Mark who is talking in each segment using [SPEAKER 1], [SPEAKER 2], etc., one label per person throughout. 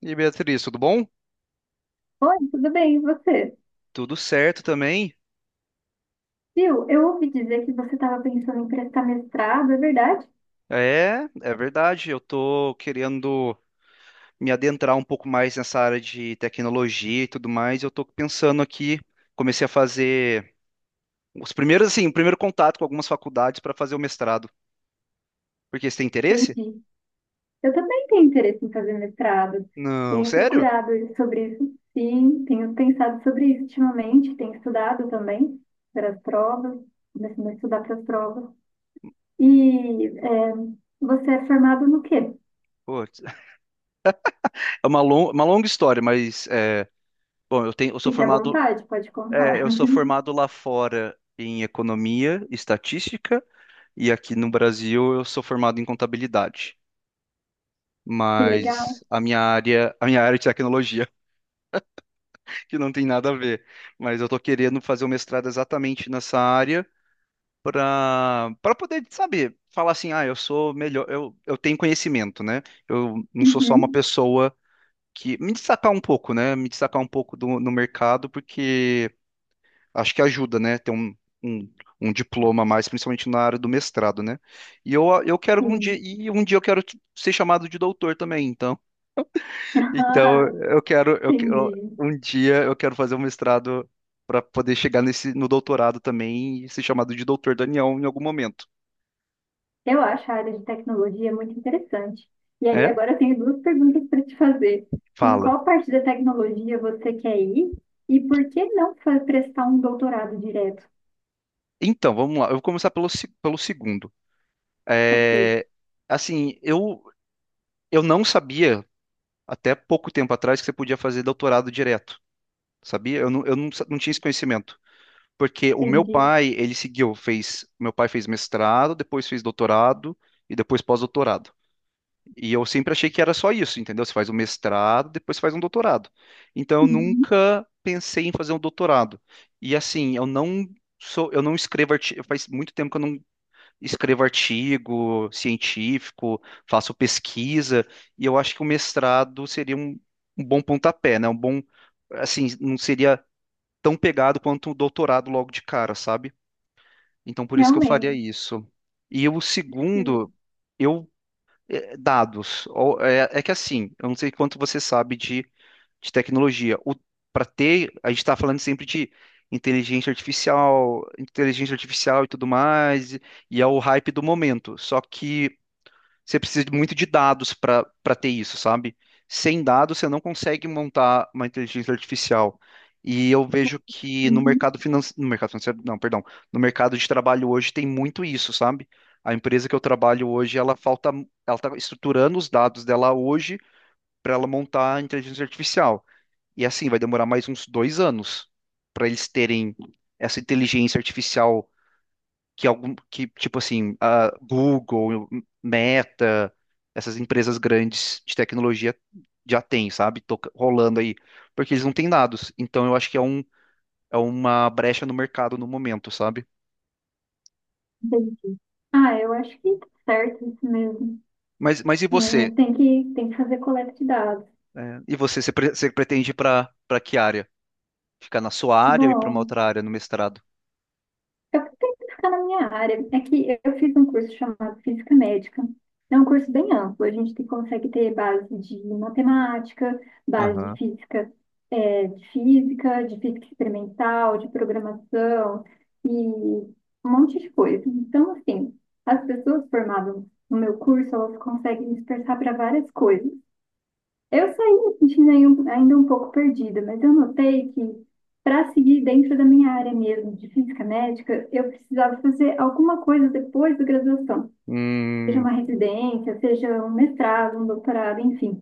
[SPEAKER 1] E aí, Beatriz, tudo bom?
[SPEAKER 2] Oi, tudo bem? E você?
[SPEAKER 1] Tudo certo também?
[SPEAKER 2] Viu, eu ouvi dizer que você estava pensando em prestar mestrado, é verdade?
[SPEAKER 1] É, é verdade. Eu tô querendo me adentrar um pouco mais nessa área de tecnologia e tudo mais. Eu tô pensando aqui, comecei a fazer os primeiros, assim, o primeiro contato com algumas faculdades para fazer o mestrado. Porque você tem interesse?
[SPEAKER 2] Entendi. Eu também tenho interesse em fazer mestrado.
[SPEAKER 1] Não,
[SPEAKER 2] Tenho
[SPEAKER 1] sério?
[SPEAKER 2] procurado sobre isso, sim. Tenho pensado sobre isso ultimamente. Tenho estudado também para as provas. Começando a estudar para as provas. E é, você é formado no quê?
[SPEAKER 1] Putz. É uma longa história, mas é, bom, eu sou
[SPEAKER 2] Fique à
[SPEAKER 1] formado,
[SPEAKER 2] vontade, pode
[SPEAKER 1] é,
[SPEAKER 2] contar.
[SPEAKER 1] eu sou formado lá fora em economia, estatística e aqui no Brasil eu sou formado em contabilidade.
[SPEAKER 2] Que legal.
[SPEAKER 1] Mas a minha área é de tecnologia, que não tem nada a ver. Mas eu tô querendo fazer o mestrado exatamente nessa área para poder saber, falar assim, ah, eu sou melhor, eu tenho conhecimento, né? Eu não sou só uma
[SPEAKER 2] Uhum,
[SPEAKER 1] pessoa que me destacar um pouco, né? Me destacar um pouco do, no mercado, porque acho que ajuda, né? Ter um Um diploma a mais, principalmente na área do mestrado, né? E eu quero um dia,
[SPEAKER 2] sim.
[SPEAKER 1] e um dia eu quero ser chamado de doutor também, então. Então,
[SPEAKER 2] Ah,
[SPEAKER 1] eu quero,
[SPEAKER 2] entendi.
[SPEAKER 1] um dia eu quero fazer um mestrado para poder chegar nesse, no doutorado também e ser chamado de Doutor Daniel em algum momento.
[SPEAKER 2] Eu acho a área de tecnologia muito interessante. E aí,
[SPEAKER 1] É?
[SPEAKER 2] agora eu tenho duas perguntas para te fazer. Em
[SPEAKER 1] Fala.
[SPEAKER 2] qual parte da tecnologia você quer ir? E por que não fa- prestar um doutorado direto?
[SPEAKER 1] Então, vamos lá. Eu vou começar pelo, se- pelo segundo.
[SPEAKER 2] Ok,
[SPEAKER 1] É, assim, eu, não sabia, até pouco tempo atrás, que você podia fazer doutorado direto. Sabia? Eu não tinha esse conhecimento. Porque o meu
[SPEAKER 2] entendi.
[SPEAKER 1] pai, ele seguiu, fez, meu pai fez mestrado, depois fez doutorado e depois pós-doutorado. E eu sempre achei que era só isso, entendeu? Você faz um mestrado, depois você faz um doutorado. Então eu
[SPEAKER 2] Uhum.
[SPEAKER 1] nunca pensei em fazer um doutorado. E assim, eu não sou, eu não escrevo artigo, faz muito tempo que eu não escrevo artigo científico, faço pesquisa, e eu acho que o mestrado seria um bom pontapé, né? Um bom, assim, não seria tão pegado quanto o doutorado logo de cara, sabe? Então por isso que eu faria
[SPEAKER 2] Realmente.
[SPEAKER 1] isso. E o segundo, eu é, dados. É que assim, eu não sei quanto você sabe de tecnologia. Para ter, a gente está falando sempre de inteligência artificial e tudo mais, e é o hype do momento. Só que você precisa muito de dados para ter isso, sabe? Sem dados, você não consegue montar uma inteligência artificial. E eu vejo que no
[SPEAKER 2] Uhum.
[SPEAKER 1] mercado financeiro, no mercado financeiro, não, perdão, no mercado de trabalho hoje tem muito isso, sabe? A empresa que eu trabalho hoje, ela falta, ela está estruturando os dados dela hoje para ela montar a inteligência artificial. E assim, vai demorar mais uns 2 anos para eles terem essa inteligência artificial que algum que tipo assim, a Google, Meta, essas empresas grandes de tecnologia já tem, sabe? Rolando aí, porque eles não têm dados. Então eu acho que é uma brecha no mercado no momento, sabe?
[SPEAKER 2] Entendi. Ah, eu acho que tá certo isso mesmo.
[SPEAKER 1] Mas e você?
[SPEAKER 2] É, tem que fazer coleta de dados.
[SPEAKER 1] E você pretende ir para que área? Ficar na sua área ou ir para uma
[SPEAKER 2] Bom,
[SPEAKER 1] outra área no mestrado?
[SPEAKER 2] eu tento ficar na minha área. É que eu fiz um curso chamado Física Médica. É um curso bem amplo. A gente consegue ter base de matemática, base de
[SPEAKER 1] Aham.
[SPEAKER 2] física, de física experimental, de programação e um monte de coisa. Então, assim, as pessoas formadas no meu curso, elas conseguem dispersar para várias coisas. Eu saí me sentindo aí ainda um pouco perdida, mas eu notei que para seguir dentro da minha área mesmo de física médica, eu precisava fazer alguma coisa depois da graduação, seja
[SPEAKER 1] Hum,
[SPEAKER 2] uma residência, seja um mestrado, um doutorado, enfim.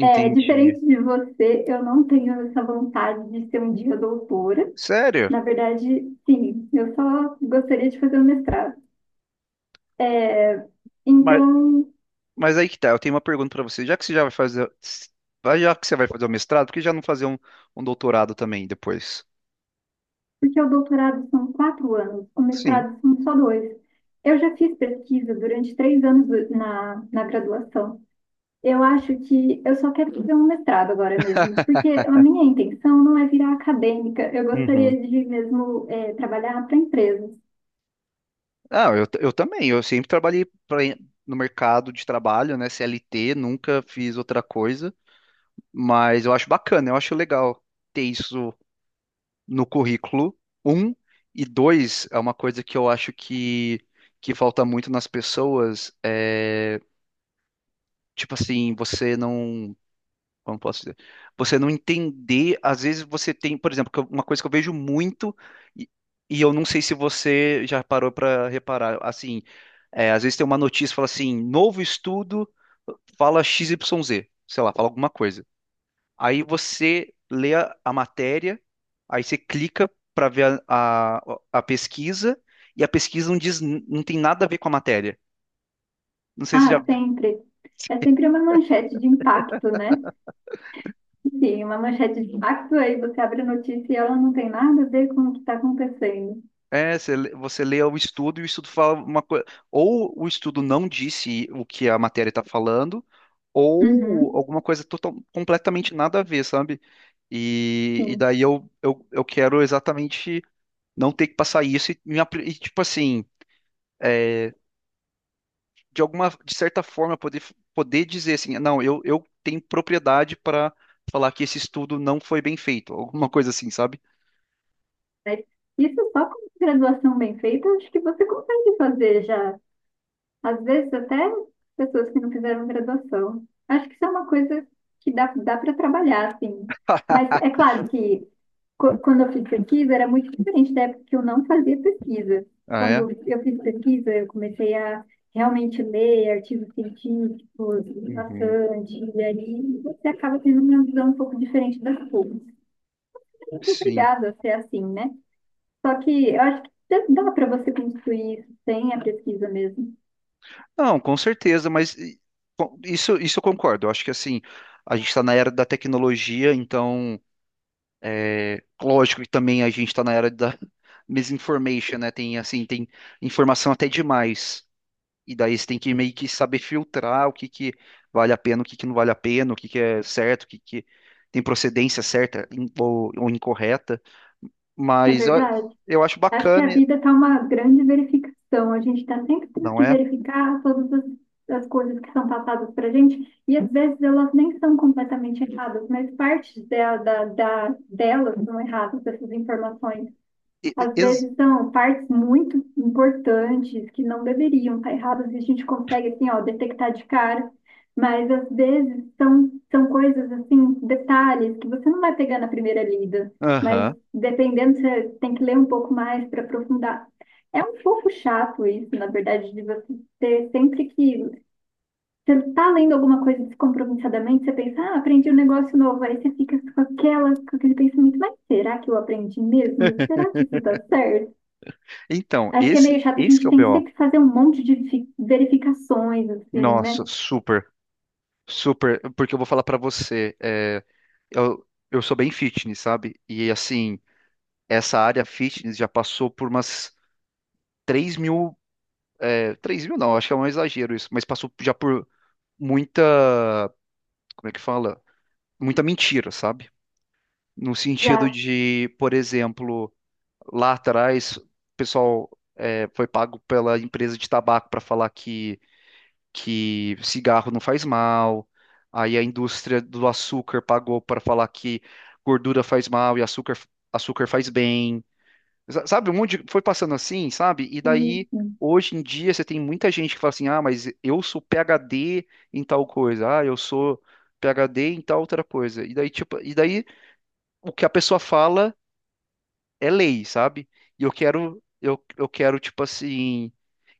[SPEAKER 2] É, diferente de você, eu não tenho essa vontade de ser um dia doutora.
[SPEAKER 1] Sério?
[SPEAKER 2] Na verdade, sim, eu só gostaria de fazer um mestrado. É, então,
[SPEAKER 1] Mas aí que tá, eu tenho uma pergunta pra você. Já que você já vai fazer, já que você vai fazer o mestrado, por que já não fazer um doutorado também depois?
[SPEAKER 2] porque o doutorado são 4 anos, o
[SPEAKER 1] Sim.
[SPEAKER 2] mestrado são só dois. Eu já fiz pesquisa durante 3 anos na graduação. Eu acho que eu só quero fazer um mestrado agora mesmo, porque a minha intenção não é virar acadêmica, eu gostaria
[SPEAKER 1] Uhum.
[SPEAKER 2] de mesmo trabalhar para empresas.
[SPEAKER 1] Ah, eu também. Eu sempre trabalhei pra, no mercado de trabalho, né? CLT, nunca fiz outra coisa. Mas eu acho bacana, eu acho legal ter isso no currículo. Um, e dois, é uma coisa que eu acho que falta muito nas pessoas. É, tipo assim, você não. Como posso dizer? Você não entender, às vezes você tem, por exemplo, uma coisa que eu vejo muito e, e eu não sei se você já parou para reparar, assim, às vezes tem uma notícia que fala assim, novo estudo fala X, Y, Z, sei lá, fala alguma coisa. Aí você lê a matéria, aí você clica para ver a pesquisa e a pesquisa não diz, não tem nada a ver com a matéria. Não sei se já.
[SPEAKER 2] Ah, sempre. É sempre uma manchete de impacto, né? Sim, uma manchete de impacto, aí você abre a notícia e ela não tem nada a ver com o que está acontecendo.
[SPEAKER 1] Você lê o estudo e o estudo fala uma coisa. Ou o estudo não disse o que a matéria está falando, ou
[SPEAKER 2] Uhum,
[SPEAKER 1] alguma coisa total, completamente nada a ver, sabe? E
[SPEAKER 2] sim.
[SPEAKER 1] daí eu quero exatamente não ter que passar isso tipo assim, de alguma, de certa forma, poder dizer assim, não, eu tenho propriedade para falar que esse estudo não foi bem feito, alguma coisa assim, sabe?
[SPEAKER 2] Mas isso só com graduação bem feita, acho que você consegue fazer já. Às vezes até pessoas que não fizeram graduação. Acho que isso é uma coisa que dá para trabalhar, assim. Mas é claro que quando eu fiz pesquisa era muito diferente da época que eu não fazia pesquisa.
[SPEAKER 1] Ah, é?
[SPEAKER 2] Quando eu fiz pesquisa, eu comecei a realmente ler artigos científicos
[SPEAKER 1] Uhum,
[SPEAKER 2] bastante, e aí você acaba tendo uma visão um pouco diferente das coisas. Você é
[SPEAKER 1] sim.
[SPEAKER 2] obrigado a ser assim, né? Só que eu acho que dá para você construir isso sem a pesquisa mesmo.
[SPEAKER 1] Não, com certeza, mas isso eu concordo. Eu acho que assim, a gente está na era da tecnologia, então, lógico que também a gente está na era da misinformation, né? Tem assim, tem informação até demais. E daí você tem que meio que saber filtrar o que que vale a pena, o que que não vale a pena, o que que é certo, o que que tem procedência certa ou incorreta.
[SPEAKER 2] É
[SPEAKER 1] Mas eu,
[SPEAKER 2] verdade.
[SPEAKER 1] eu acho
[SPEAKER 2] Acho que
[SPEAKER 1] bacana,
[SPEAKER 2] a vida está uma grande verificação. A gente está sempre tendo
[SPEAKER 1] não
[SPEAKER 2] que
[SPEAKER 1] é?
[SPEAKER 2] verificar todas as coisas que são passadas para a gente. E às vezes elas nem são completamente erradas, mas partes delas são erradas, essas informações.
[SPEAKER 1] E- e-
[SPEAKER 2] Às
[SPEAKER 1] ex-
[SPEAKER 2] vezes são partes muito importantes que não deveriam estar erradas e a gente consegue assim, ó, detectar de cara, mas às vezes são coisas assim, detalhes que você não vai pegar na primeira lida, mas
[SPEAKER 1] Aham.
[SPEAKER 2] dependendo, você tem que ler um pouco mais para aprofundar. É um pouco chato isso, na verdade, de você ter sempre que você está lendo alguma coisa descompromissadamente, você pensa, ah, aprendi um negócio novo, aí você fica com com aquele pensamento, mas será que eu aprendi mesmo? Será que isso está certo?
[SPEAKER 1] Então,
[SPEAKER 2] Acho que é
[SPEAKER 1] esse,
[SPEAKER 2] meio chato, a
[SPEAKER 1] esse que
[SPEAKER 2] gente
[SPEAKER 1] é o
[SPEAKER 2] tem que
[SPEAKER 1] BO.
[SPEAKER 2] sempre fazer um monte de verificações, assim,
[SPEAKER 1] Nossa,
[SPEAKER 2] né?
[SPEAKER 1] super, super. Porque eu vou falar pra você, eu, eu sou bem fitness, sabe? E assim, essa área fitness já passou por umas 3 mil. 3 mil não, acho que é um exagero isso, mas passou já por muita. Como é que fala? Muita mentira, sabe? No sentido
[SPEAKER 2] Já
[SPEAKER 1] de, por exemplo. Lá atrás, o pessoal foi pago pela empresa de tabaco para falar que cigarro não faz mal. Aí a indústria do açúcar pagou para falar que gordura faz mal e açúcar, açúcar faz bem. Sabe, um monte de, foi passando assim, sabe? E
[SPEAKER 2] hum,
[SPEAKER 1] daí,
[SPEAKER 2] hum,
[SPEAKER 1] hoje em dia, você tem muita gente que fala assim: ah, mas eu sou PhD em tal coisa, ah, eu sou PhD em tal outra coisa. E daí, tipo, e daí o que a pessoa fala é lei, sabe? E eu quero, tipo assim.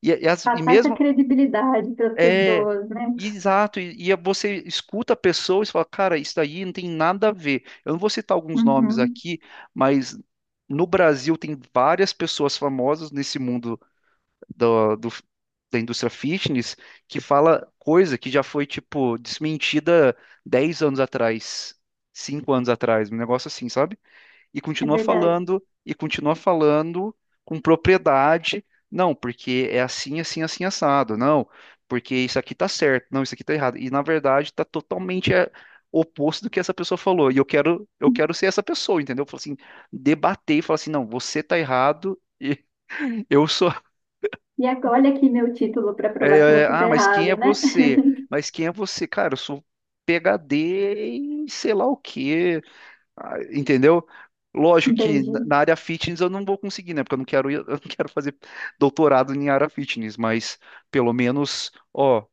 [SPEAKER 1] E
[SPEAKER 2] passar essa
[SPEAKER 1] mesmo.
[SPEAKER 2] credibilidade para as
[SPEAKER 1] É.
[SPEAKER 2] pessoas, né?
[SPEAKER 1] Exato. E você escuta a pessoa e você fala, cara, isso daí não tem nada a ver. Eu não vou citar alguns nomes
[SPEAKER 2] Uhum,
[SPEAKER 1] aqui, mas no Brasil tem várias pessoas famosas nesse mundo do, do- da indústria fitness que fala coisa que já foi, tipo, desmentida 10 anos atrás, 5 anos atrás, um negócio assim, sabe?
[SPEAKER 2] é verdade.
[SPEAKER 1] E continua falando com propriedade. Não, porque é assim, assim, assim, assado. Não, porque isso aqui tá certo. Não, isso aqui tá errado. E na verdade tá totalmente oposto do que essa pessoa falou. E eu quero ser essa pessoa, entendeu? Eu falo assim, debater e falar assim, não, você tá errado. E eu sou.
[SPEAKER 2] E agora, olha aqui meu título para
[SPEAKER 1] é,
[SPEAKER 2] provar que
[SPEAKER 1] é,
[SPEAKER 2] você está
[SPEAKER 1] ah, mas
[SPEAKER 2] errado,
[SPEAKER 1] quem é
[SPEAKER 2] né?
[SPEAKER 1] você? Mas quem é você? Cara, eu sou PhD em sei lá o quê. Ah, entendeu? Lógico que na
[SPEAKER 2] Entendi.
[SPEAKER 1] na área fitness eu não vou conseguir, né? Porque eu não quero, eu não quero fazer doutorado em área fitness, mas pelo menos, ó,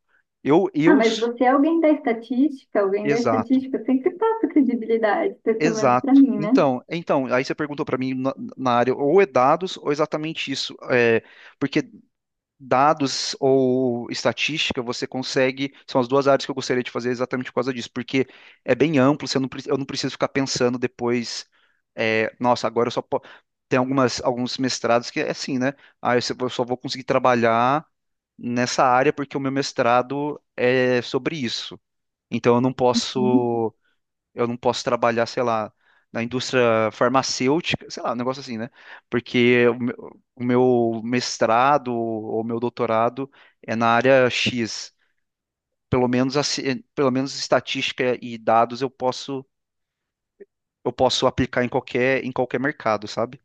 [SPEAKER 1] eu,
[SPEAKER 2] Ah,
[SPEAKER 1] eu,
[SPEAKER 2] mas você é alguém da
[SPEAKER 1] exato,
[SPEAKER 2] estatística sempre passa credibilidade, pelo menos para
[SPEAKER 1] exato.
[SPEAKER 2] mim, né?
[SPEAKER 1] Então, aí você perguntou para mim na área, ou é dados ou é exatamente isso, porque dados ou estatística, você consegue. São as duas áreas que eu gostaria de fazer exatamente por causa disso, porque é bem amplo, você não, pre- eu não preciso ficar pensando depois, nossa, agora eu só. Tem algumas, alguns mestrados que é assim, né? Ah, eu só vou conseguir trabalhar nessa área porque o meu mestrado é sobre isso. Então eu não
[SPEAKER 2] Uhum.
[SPEAKER 1] posso. Eu não posso trabalhar, sei lá, na indústria farmacêutica, sei lá, um negócio assim, né? Porque o meu mestrado ou meu doutorado é na área X. Pelo menos estatística e dados eu posso, aplicar em qualquer, mercado, sabe?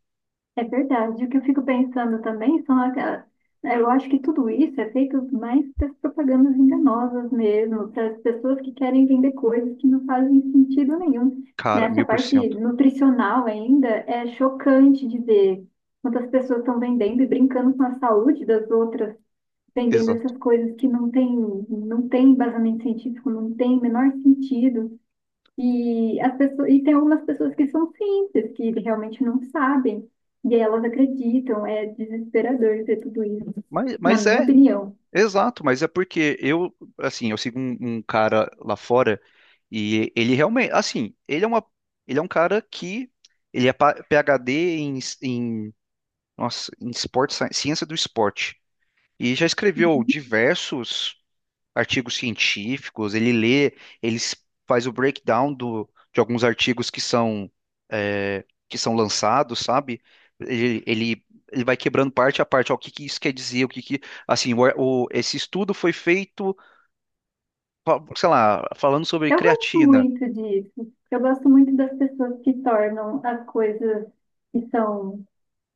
[SPEAKER 2] É verdade. O que eu fico pensando também são aquelas. Né, eu acho que tudo isso é feito mais para as propagandas enganosas mesmo, para as pessoas que querem vender coisas que não fazem sentido nenhum.
[SPEAKER 1] Cara,
[SPEAKER 2] Nessa
[SPEAKER 1] mil por
[SPEAKER 2] parte
[SPEAKER 1] cento.
[SPEAKER 2] nutricional ainda, é chocante de ver quantas pessoas estão vendendo e brincando com a saúde das outras, vendendo
[SPEAKER 1] Exato.
[SPEAKER 2] essas coisas que não tem embasamento científico, não tem o menor sentido. E, tem algumas pessoas que são simples, que realmente não sabem, e aí elas acreditam, é desesperador ver tudo isso,
[SPEAKER 1] Mas,
[SPEAKER 2] na
[SPEAKER 1] mas
[SPEAKER 2] minha
[SPEAKER 1] é.
[SPEAKER 2] opinião.
[SPEAKER 1] Exato, mas é porque eu, assim, eu sigo um cara lá fora e ele realmente, assim, ele é uma, ele é um cara que ele é PhD em esporte, ciência do esporte e já escreveu diversos artigos científicos, ele lê, ele s- faz o breakdown do, de alguns artigos que são, que são lançados, sabe? Ele, ele, ele vai quebrando parte a parte, ó, o que que isso quer dizer, o que que, assim, esse estudo foi feito, sei lá, falando sobre
[SPEAKER 2] Eu gosto
[SPEAKER 1] creatina,
[SPEAKER 2] muito disso, eu gosto muito das pessoas que tornam as coisas que são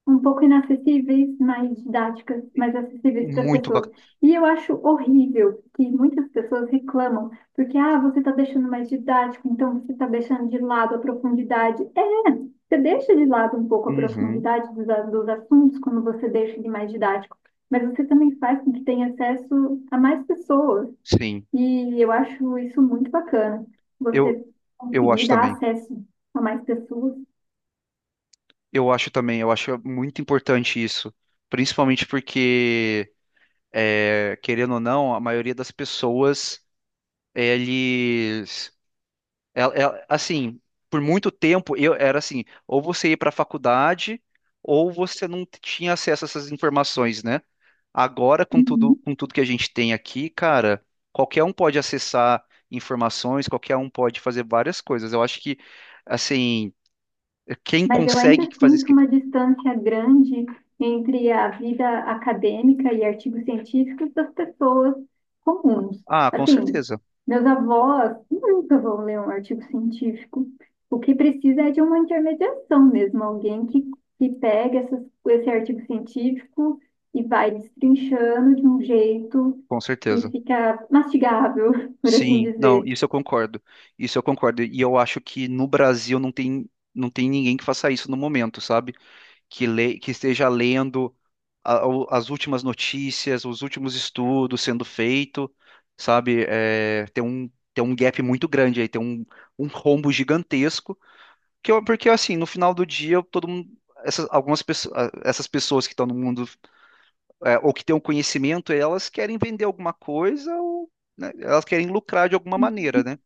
[SPEAKER 2] um pouco inacessíveis, mais didáticas, mais acessíveis para as
[SPEAKER 1] muito
[SPEAKER 2] pessoas.
[SPEAKER 1] bacana.
[SPEAKER 2] E eu acho horrível que muitas pessoas reclamam, porque, ah, você está deixando mais didático, então você está deixando de lado a profundidade. É, você deixa de lado um pouco a
[SPEAKER 1] Uhum,
[SPEAKER 2] profundidade dos assuntos quando você deixa de mais didático, mas você também faz com que tenha acesso a mais pessoas.
[SPEAKER 1] sim,
[SPEAKER 2] E eu acho isso muito bacana,
[SPEAKER 1] eu,
[SPEAKER 2] você
[SPEAKER 1] eu
[SPEAKER 2] conseguir
[SPEAKER 1] acho
[SPEAKER 2] dar
[SPEAKER 1] também,
[SPEAKER 2] acesso a mais pessoas.
[SPEAKER 1] eu acho também, eu acho muito importante isso, principalmente porque, querendo ou não, a maioria das pessoas, eles, assim, por muito tempo eu era assim, ou você ia para a faculdade ou você não tinha acesso a essas informações, né? Agora com tudo
[SPEAKER 2] Uhum.
[SPEAKER 1] com tudo que a gente tem aqui, cara, qualquer um pode acessar informações, qualquer um pode fazer várias coisas. Eu acho que assim, quem
[SPEAKER 2] Mas eu
[SPEAKER 1] consegue
[SPEAKER 2] ainda
[SPEAKER 1] fazer isso
[SPEAKER 2] sinto uma distância grande entre a vida acadêmica e artigos científicos das pessoas comuns.
[SPEAKER 1] ah, com
[SPEAKER 2] Assim,
[SPEAKER 1] certeza
[SPEAKER 2] meus avós nunca vão ler um artigo científico. O que precisa é de uma intermediação mesmo, que pega esse artigo científico e vai destrinchando de um jeito
[SPEAKER 1] com
[SPEAKER 2] que
[SPEAKER 1] certeza
[SPEAKER 2] fica mastigável, por assim
[SPEAKER 1] Sim, não,
[SPEAKER 2] dizer.
[SPEAKER 1] isso eu concordo. Isso eu concordo. E eu acho que no Brasil não tem ninguém que faça isso no momento, sabe? Que esteja lendo as últimas notícias, os últimos estudos sendo feito, sabe? É, tem um gap muito grande aí, tem um rombo gigantesco, porque assim, no final do dia, todo mundo, essas, algumas pessoas, essas pessoas que estão no mundo, ou que têm o conhecimento, elas querem vender alguma coisa, ou, né, elas querem lucrar de alguma maneira, né?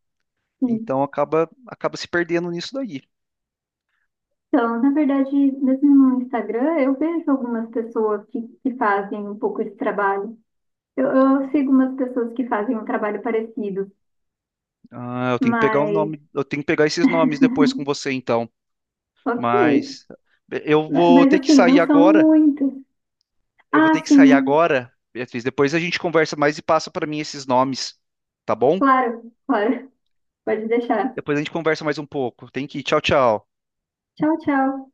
[SPEAKER 1] Então acaba se perdendo nisso daí.
[SPEAKER 2] Então, na verdade, mesmo no Instagram, eu vejo algumas pessoas que fazem um pouco esse trabalho. Eu sigo umas pessoas que fazem um trabalho parecido,
[SPEAKER 1] Ah, eu tenho que pegar o
[SPEAKER 2] mas
[SPEAKER 1] nome, eu tenho que pegar esses nomes depois com você, então.
[SPEAKER 2] ok.
[SPEAKER 1] Mas eu vou
[SPEAKER 2] Mas
[SPEAKER 1] ter que
[SPEAKER 2] assim,
[SPEAKER 1] sair
[SPEAKER 2] não são
[SPEAKER 1] agora.
[SPEAKER 2] muitas.
[SPEAKER 1] Eu vou ter
[SPEAKER 2] Ah,
[SPEAKER 1] que sair
[SPEAKER 2] sim,
[SPEAKER 1] agora, Beatriz. Depois a gente conversa mais e passa para mim esses nomes, tá bom?
[SPEAKER 2] claro, claro. Pode deixar.
[SPEAKER 1] Depois a gente conversa mais um pouco. Tem que ir. Tchau, tchau.
[SPEAKER 2] Tchau, tchau.